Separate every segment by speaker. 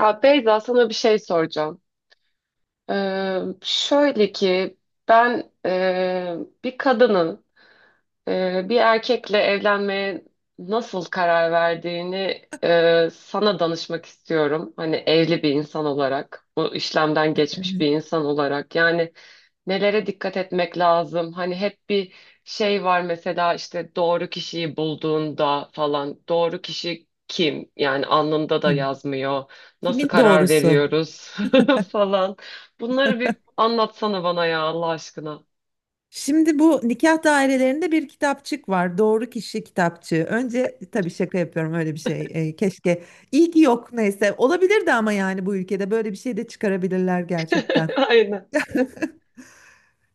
Speaker 1: Ya Beyza, sana bir şey soracağım. Şöyle ki ben bir kadının bir erkekle evlenmeye nasıl karar verdiğini sana danışmak istiyorum. Hani evli bir insan olarak, bu işlemden geçmiş bir
Speaker 2: Evet.
Speaker 1: insan olarak. Yani nelere dikkat etmek lazım? Hani hep bir şey var, mesela işte doğru kişiyi bulduğunda falan. Doğru kişi kim? Yani alnında da
Speaker 2: Kim?
Speaker 1: yazmıyor. Nasıl
Speaker 2: Kimin
Speaker 1: karar
Speaker 2: doğrusu?
Speaker 1: veriyoruz falan. Bunları bir anlatsana bana ya, Allah aşkına.
Speaker 2: Şimdi bu nikah dairelerinde bir kitapçık var. Doğru kişi kitapçığı. Önce tabii şaka yapıyorum öyle bir şey. Keşke. İyi ki yok neyse. Olabilirdi ama yani bu ülkede böyle bir şey de çıkarabilirler gerçekten.
Speaker 1: Aynen.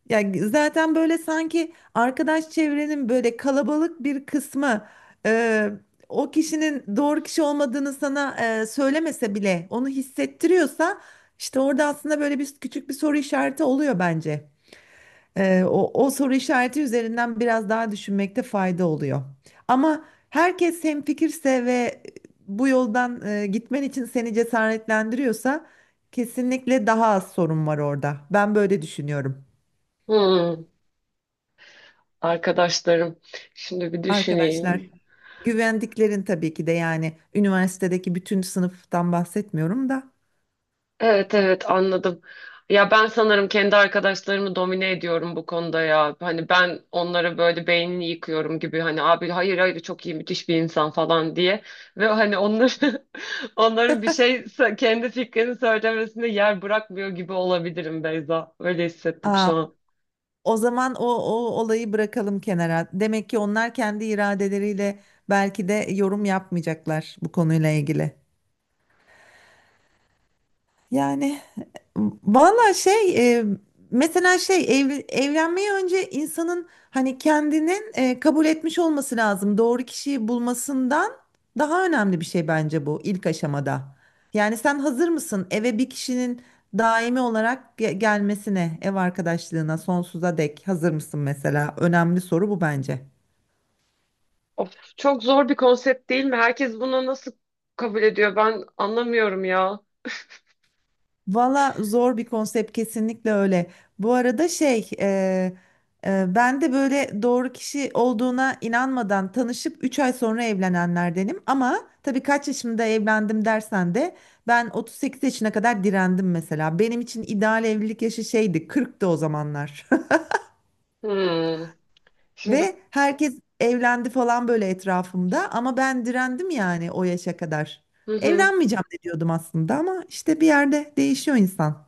Speaker 2: Yani zaten böyle sanki arkadaş çevrenin böyle kalabalık bir kısmı e, o kişinin doğru kişi olmadığını sana söylemese bile onu hissettiriyorsa işte orada aslında böyle bir küçük bir soru işareti oluyor bence. O soru işareti üzerinden biraz daha düşünmekte fayda oluyor. Ama herkes hemfikirse ve bu yoldan gitmen için seni cesaretlendiriyorsa kesinlikle daha az sorun var orada. Ben böyle düşünüyorum.
Speaker 1: Hmm. Arkadaşlarım. Şimdi bir
Speaker 2: Arkadaşlar,
Speaker 1: düşüneyim.
Speaker 2: güvendiklerin tabii ki de yani üniversitedeki bütün sınıftan bahsetmiyorum da.
Speaker 1: Evet, evet, anladım. Ya ben sanırım kendi arkadaşlarımı domine ediyorum bu konuda ya. Hani ben onlara böyle beynini yıkıyorum gibi, hani abi hayır, hayır, çok iyi, müthiş bir insan falan diye. Ve hani onları onların bir şey kendi fikrini söylemesine yer bırakmıyor gibi olabilirim Beyza. Öyle hissettim
Speaker 2: Aa,
Speaker 1: şu an.
Speaker 2: O zaman o olayı bırakalım kenara. Demek ki onlar kendi iradeleriyle belki de yorum yapmayacaklar bu konuyla ilgili. Yani valla şey mesela şey evlenmeye önce insanın hani kendinin kabul etmiş olması lazım. Doğru kişiyi bulmasından daha önemli bir şey bence bu ilk aşamada. Yani sen hazır mısın eve bir kişinin daimi olarak gelmesine, ev arkadaşlığına sonsuza dek hazır mısın mesela? Önemli soru bu bence.
Speaker 1: Of, çok zor bir konsept değil mi? Herkes bunu nasıl kabul ediyor? Ben anlamıyorum ya.
Speaker 2: Valla zor bir konsept kesinlikle öyle. Bu arada şey ben de böyle doğru kişi olduğuna inanmadan tanışıp 3 ay sonra evlenenlerdenim. Ama tabii kaç yaşımda evlendim dersen de ben 38 yaşına kadar direndim mesela. Benim için ideal evlilik yaşı şeydi 40'tı o zamanlar.
Speaker 1: Hmm. Şimdi.
Speaker 2: Ve herkes evlendi falan böyle etrafımda ama ben direndim yani o yaşa kadar.
Speaker 1: Hı hı.
Speaker 2: Evlenmeyeceğim de diyordum aslında ama işte bir yerde değişiyor insan.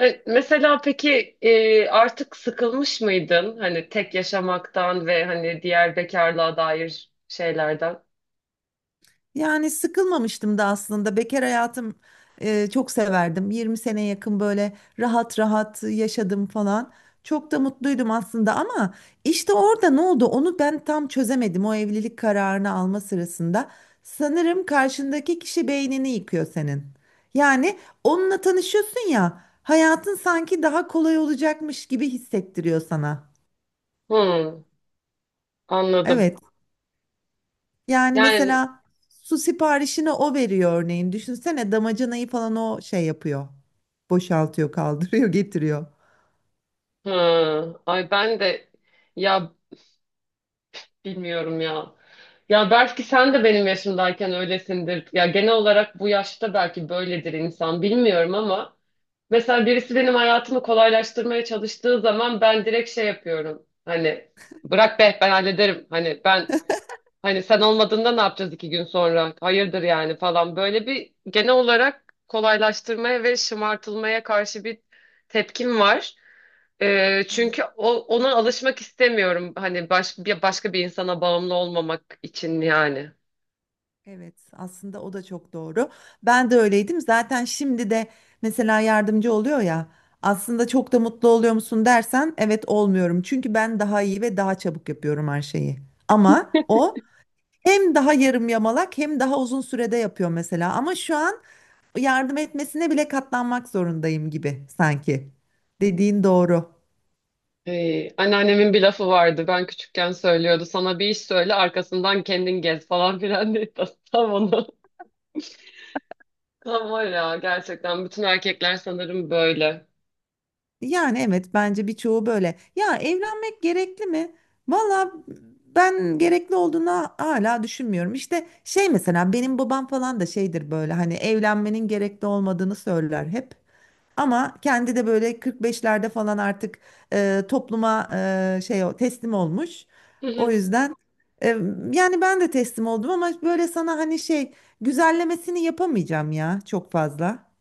Speaker 1: Mesela peki, artık sıkılmış mıydın? Hani tek yaşamaktan ve hani diğer bekarlığa dair şeylerden.
Speaker 2: Yani sıkılmamıştım da aslında. Bekar hayatım çok severdim. 20 sene yakın böyle rahat rahat yaşadım falan. Çok da mutluydum aslında ama işte orada ne oldu onu ben tam çözemedim o evlilik kararını alma sırasında. Sanırım karşındaki kişi beynini yıkıyor senin. Yani onunla tanışıyorsun ya hayatın sanki daha kolay olacakmış gibi hissettiriyor sana.
Speaker 1: Hmm, anladım.
Speaker 2: Evet. Yani
Speaker 1: Yani
Speaker 2: mesela su siparişini o veriyor örneğin. Düşünsene damacanayı falan o şey yapıyor. Boşaltıyor, kaldırıyor, getiriyor.
Speaker 1: hı, ay ben de, ya. Bilmiyorum ya. Ya belki sen de benim yaşımdayken öylesindir. Ya genel olarak bu yaşta belki böyledir insan, bilmiyorum, ama mesela birisi benim hayatımı kolaylaştırmaya çalıştığı zaman ben direkt şey yapıyorum. Hani bırak be, ben hallederim. Hani ben Hani sen olmadığında ne yapacağız iki gün sonra? Hayırdır yani falan. Böyle bir genel olarak kolaylaştırmaya ve şımartılmaya karşı bir tepkim var.
Speaker 2: Evet.
Speaker 1: Çünkü ona alışmak istemiyorum. Hani başka bir insana bağımlı olmamak için yani.
Speaker 2: Evet, aslında o da çok doğru. Ben de öyleydim. Zaten şimdi de mesela yardımcı oluyor ya. Aslında çok da mutlu oluyor musun dersen evet olmuyorum. Çünkü ben daha iyi ve daha çabuk yapıyorum her şeyi. Ama o hem daha yarım yamalak hem daha uzun sürede yapıyor mesela. Ama şu an yardım etmesine bile katlanmak zorundayım gibi sanki. Dediğin doğru.
Speaker 1: Anneannemin bir lafı vardı. Ben küçükken söylüyordu. Sana bir iş söyle, arkasından kendin gez falan filan diye. Tam onu. Tam var ya gerçekten. Bütün erkekler sanırım böyle.
Speaker 2: Yani evet bence birçoğu böyle. Ya evlenmek gerekli mi? Valla ben gerekli olduğuna hala düşünmüyorum. İşte şey mesela benim babam falan da şeydir böyle hani evlenmenin gerekli olmadığını söyler hep. Ama kendi de böyle 45'lerde falan artık topluma şey teslim olmuş.
Speaker 1: Hı
Speaker 2: O
Speaker 1: hı.
Speaker 2: yüzden e, yani ben de teslim oldum ama böyle sana hani şey güzellemesini yapamayacağım ya çok fazla.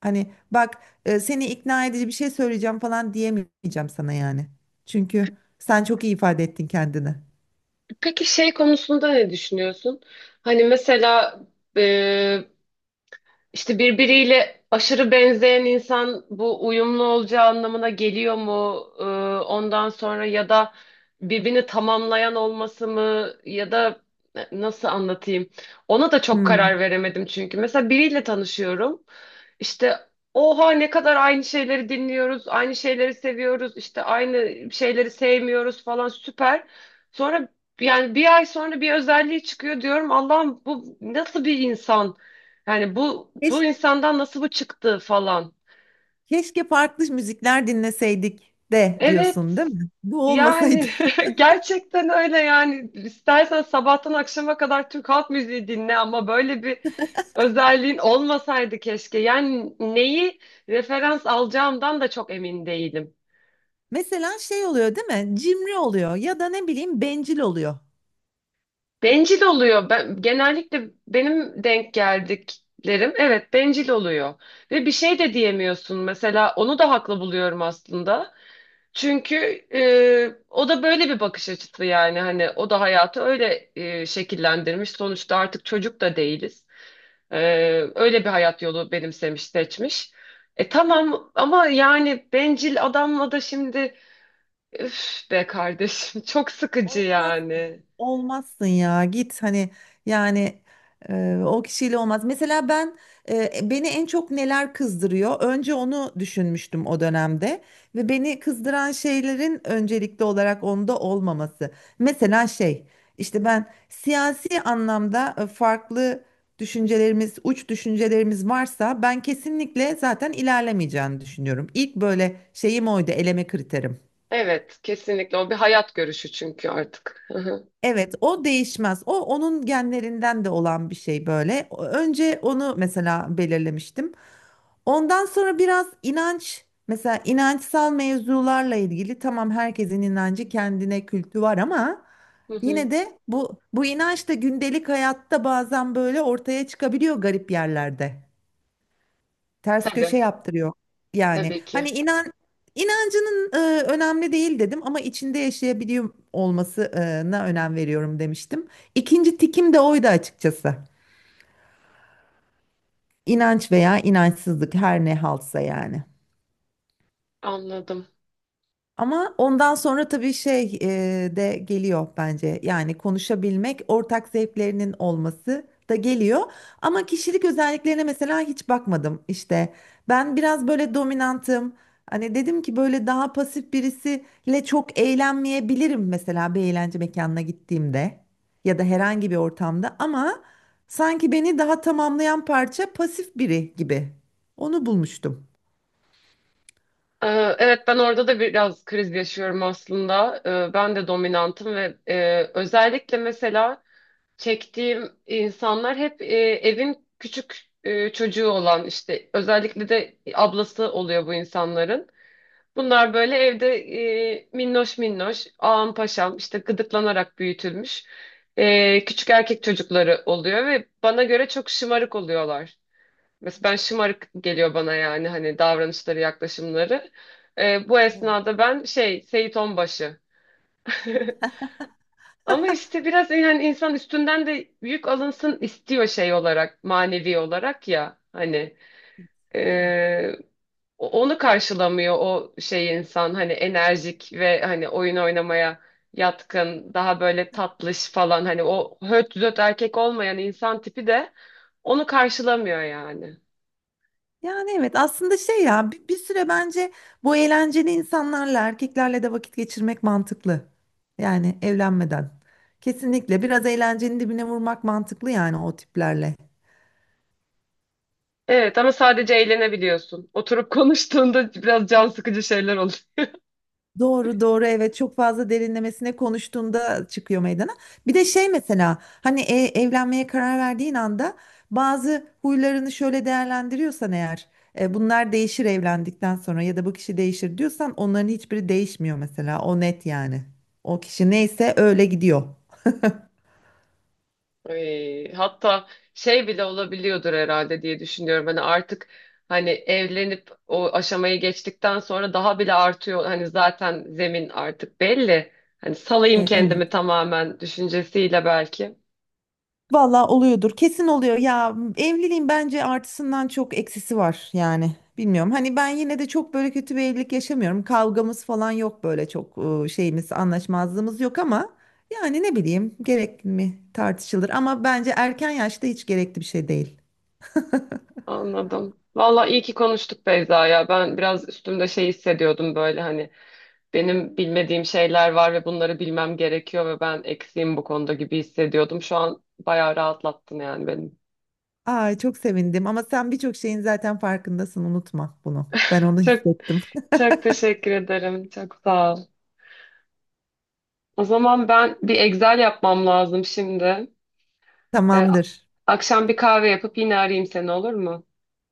Speaker 2: Hani bak seni ikna edici bir şey söyleyeceğim falan diyemeyeceğim sana yani. Çünkü sen çok iyi ifade ettin kendini.
Speaker 1: Peki şey konusunda ne düşünüyorsun? Hani mesela, İşte birbiriyle aşırı benzeyen insan bu uyumlu olacağı anlamına geliyor mu? Ondan sonra, ya da birbirini tamamlayan olması mı, ya da nasıl anlatayım? Ona da çok karar
Speaker 2: Hmm.
Speaker 1: veremedim çünkü. Mesela biriyle tanışıyorum. İşte oha, ne kadar aynı şeyleri dinliyoruz, aynı şeyleri seviyoruz, işte aynı şeyleri sevmiyoruz falan, süper. Sonra yani bir ay sonra bir özelliği çıkıyor, diyorum Allah'ım bu nasıl bir insan? Yani bu
Speaker 2: Keş-
Speaker 1: insandan nasıl bu çıktı falan.
Speaker 2: Keşke farklı müzikler dinleseydik de
Speaker 1: Evet.
Speaker 2: diyorsun değil mi? Bu olmasaydı.
Speaker 1: Yani gerçekten öyle yani, istersen sabahtan akşama kadar Türk halk müziği dinle ama böyle bir özelliğin olmasaydı keşke. Yani neyi referans alacağımdan da çok emin değilim.
Speaker 2: Mesela şey oluyor değil mi? Cimri oluyor ya da ne bileyim bencil oluyor.
Speaker 1: Bencil oluyor. Ben, genellikle benim denk geldiklerim, evet, bencil oluyor. Ve bir şey de diyemiyorsun. Mesela onu da haklı buluyorum aslında. Çünkü o da böyle bir bakış açısı, yani hani o da hayatı öyle şekillendirmiş. Sonuçta artık çocuk da değiliz. E, Öyle bir hayat yolu benimsemiş, seçmiş. E tamam, ama yani bencil adamla da şimdi üf be kardeşim çok sıkıcı
Speaker 2: Olmazsın.
Speaker 1: yani.
Speaker 2: Olmazsın ya git hani yani o kişiyle olmaz. Mesela ben beni en çok neler kızdırıyor? Önce onu düşünmüştüm o dönemde ve beni kızdıran şeylerin öncelikli olarak onda olmaması. Mesela şey işte ben siyasi anlamda farklı düşüncelerimiz, uç düşüncelerimiz varsa ben kesinlikle zaten ilerlemeyeceğini düşünüyorum. İlk böyle şeyim oydu, eleme kriterim.
Speaker 1: Evet, kesinlikle o bir hayat görüşü çünkü artık. Hı hı.
Speaker 2: Evet, o değişmez. O onun genlerinden de olan bir şey böyle. Önce onu mesela belirlemiştim. Ondan sonra biraz inanç, mesela inançsal mevzularla ilgili tamam herkesin inancı kendine kültü var ama
Speaker 1: Hı hı.
Speaker 2: yine de bu inanç da gündelik hayatta bazen böyle ortaya çıkabiliyor garip yerlerde ters köşe
Speaker 1: Tabii
Speaker 2: yaptırıyor. Yani
Speaker 1: tabii ki,
Speaker 2: hani inancının önemli değil dedim ama içinde yaşayabiliyor olmasına önem veriyorum demiştim. İkinci tikim de oydu açıkçası. İnanç veya inançsızlık her ne halsa yani.
Speaker 1: anladım.
Speaker 2: Ama ondan sonra tabii şey de geliyor bence. Yani konuşabilmek, ortak zevklerinin olması da geliyor. Ama kişilik özelliklerine mesela hiç bakmadım işte. Ben biraz böyle dominantım. Hani dedim ki böyle daha pasif birisiyle çok eğlenmeyebilirim mesela bir eğlence mekanına gittiğimde ya da herhangi bir ortamda ama sanki beni daha tamamlayan parça pasif biri gibi. Onu bulmuştum.
Speaker 1: Ee, Evet, ben orada da biraz kriz yaşıyorum aslında. Ben de dominantım ve özellikle mesela çektiğim insanlar hep evin küçük çocuğu olan, işte özellikle de ablası oluyor bu insanların. Bunlar böyle evde minnoş minnoş, ağam paşam, işte gıdıklanarak büyütülmüş küçük erkek çocukları oluyor ve bana göre çok şımarık oluyorlar. Mesela ben, şımarık geliyor bana yani, hani davranışları, yaklaşımları. Bu
Speaker 2: Evet.
Speaker 1: esnada ben şey, Seyit Onbaşı. Ama işte biraz yani insan üstünden de yük alınsın istiyor, şey olarak, manevi olarak ya hani.
Speaker 2: Evet.
Speaker 1: Ee, Onu karşılamıyor o şey insan, hani enerjik ve hani oyun oynamaya yatkın, daha böyle tatlış falan, hani o höt düzöt erkek olmayan insan tipi de onu karşılamıyor yani.
Speaker 2: Yani evet aslında şey ya bir süre bence bu eğlenceli insanlarla erkeklerle de vakit geçirmek mantıklı. Yani evlenmeden. Kesinlikle biraz eğlencenin dibine vurmak mantıklı yani o tiplerle.
Speaker 1: Evet, ama sadece eğlenebiliyorsun. Oturup konuştuğunda biraz can sıkıcı şeyler oluyor.
Speaker 2: Doğru doğru evet çok fazla derinlemesine konuştuğunda çıkıyor meydana. Bir de şey mesela hani evlenmeye karar verdiğin anda bazı huylarını şöyle değerlendiriyorsan eğer bunlar değişir evlendikten sonra ya da bu kişi değişir diyorsan onların hiçbiri değişmiyor mesela o net yani. O kişi neyse öyle gidiyor.
Speaker 1: Ay, hatta şey bile olabiliyordur herhalde diye düşünüyorum. Hani artık, hani evlenip o aşamayı geçtikten sonra daha bile artıyor. Hani zaten zemin artık belli. Hani salayım
Speaker 2: Evet.
Speaker 1: kendimi tamamen düşüncesiyle belki.
Speaker 2: Valla oluyordur. Kesin oluyor. Ya evliliğin bence artısından çok eksisi var yani. Bilmiyorum. Hani ben yine de çok böyle kötü bir evlilik yaşamıyorum. Kavgamız falan yok böyle çok şeyimiz, anlaşmazlığımız yok ama yani ne bileyim gerekli mi tartışılır ama bence erken yaşta hiç gerekli bir şey değil.
Speaker 1: Anladım. Vallahi iyi ki konuştuk Beyza ya. Ben biraz üstümde şey hissediyordum, böyle hani benim bilmediğim şeyler var ve bunları bilmem gerekiyor ve ben eksiğim bu konuda gibi hissediyordum. Şu an bayağı rahatlattın yani benim.
Speaker 2: Ay çok sevindim ama sen birçok şeyin zaten farkındasın unutma bunu. Ben onu
Speaker 1: Çok
Speaker 2: hissettim.
Speaker 1: Çok teşekkür ederim. Çok sağ ol. O zaman ben bir Excel yapmam lazım şimdi. Ee,
Speaker 2: Tamamdır.
Speaker 1: Akşam bir kahve yapıp yine arayayım seni, olur mu?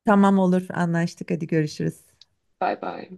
Speaker 2: Tamam olur anlaştık hadi görüşürüz.
Speaker 1: Bay bay.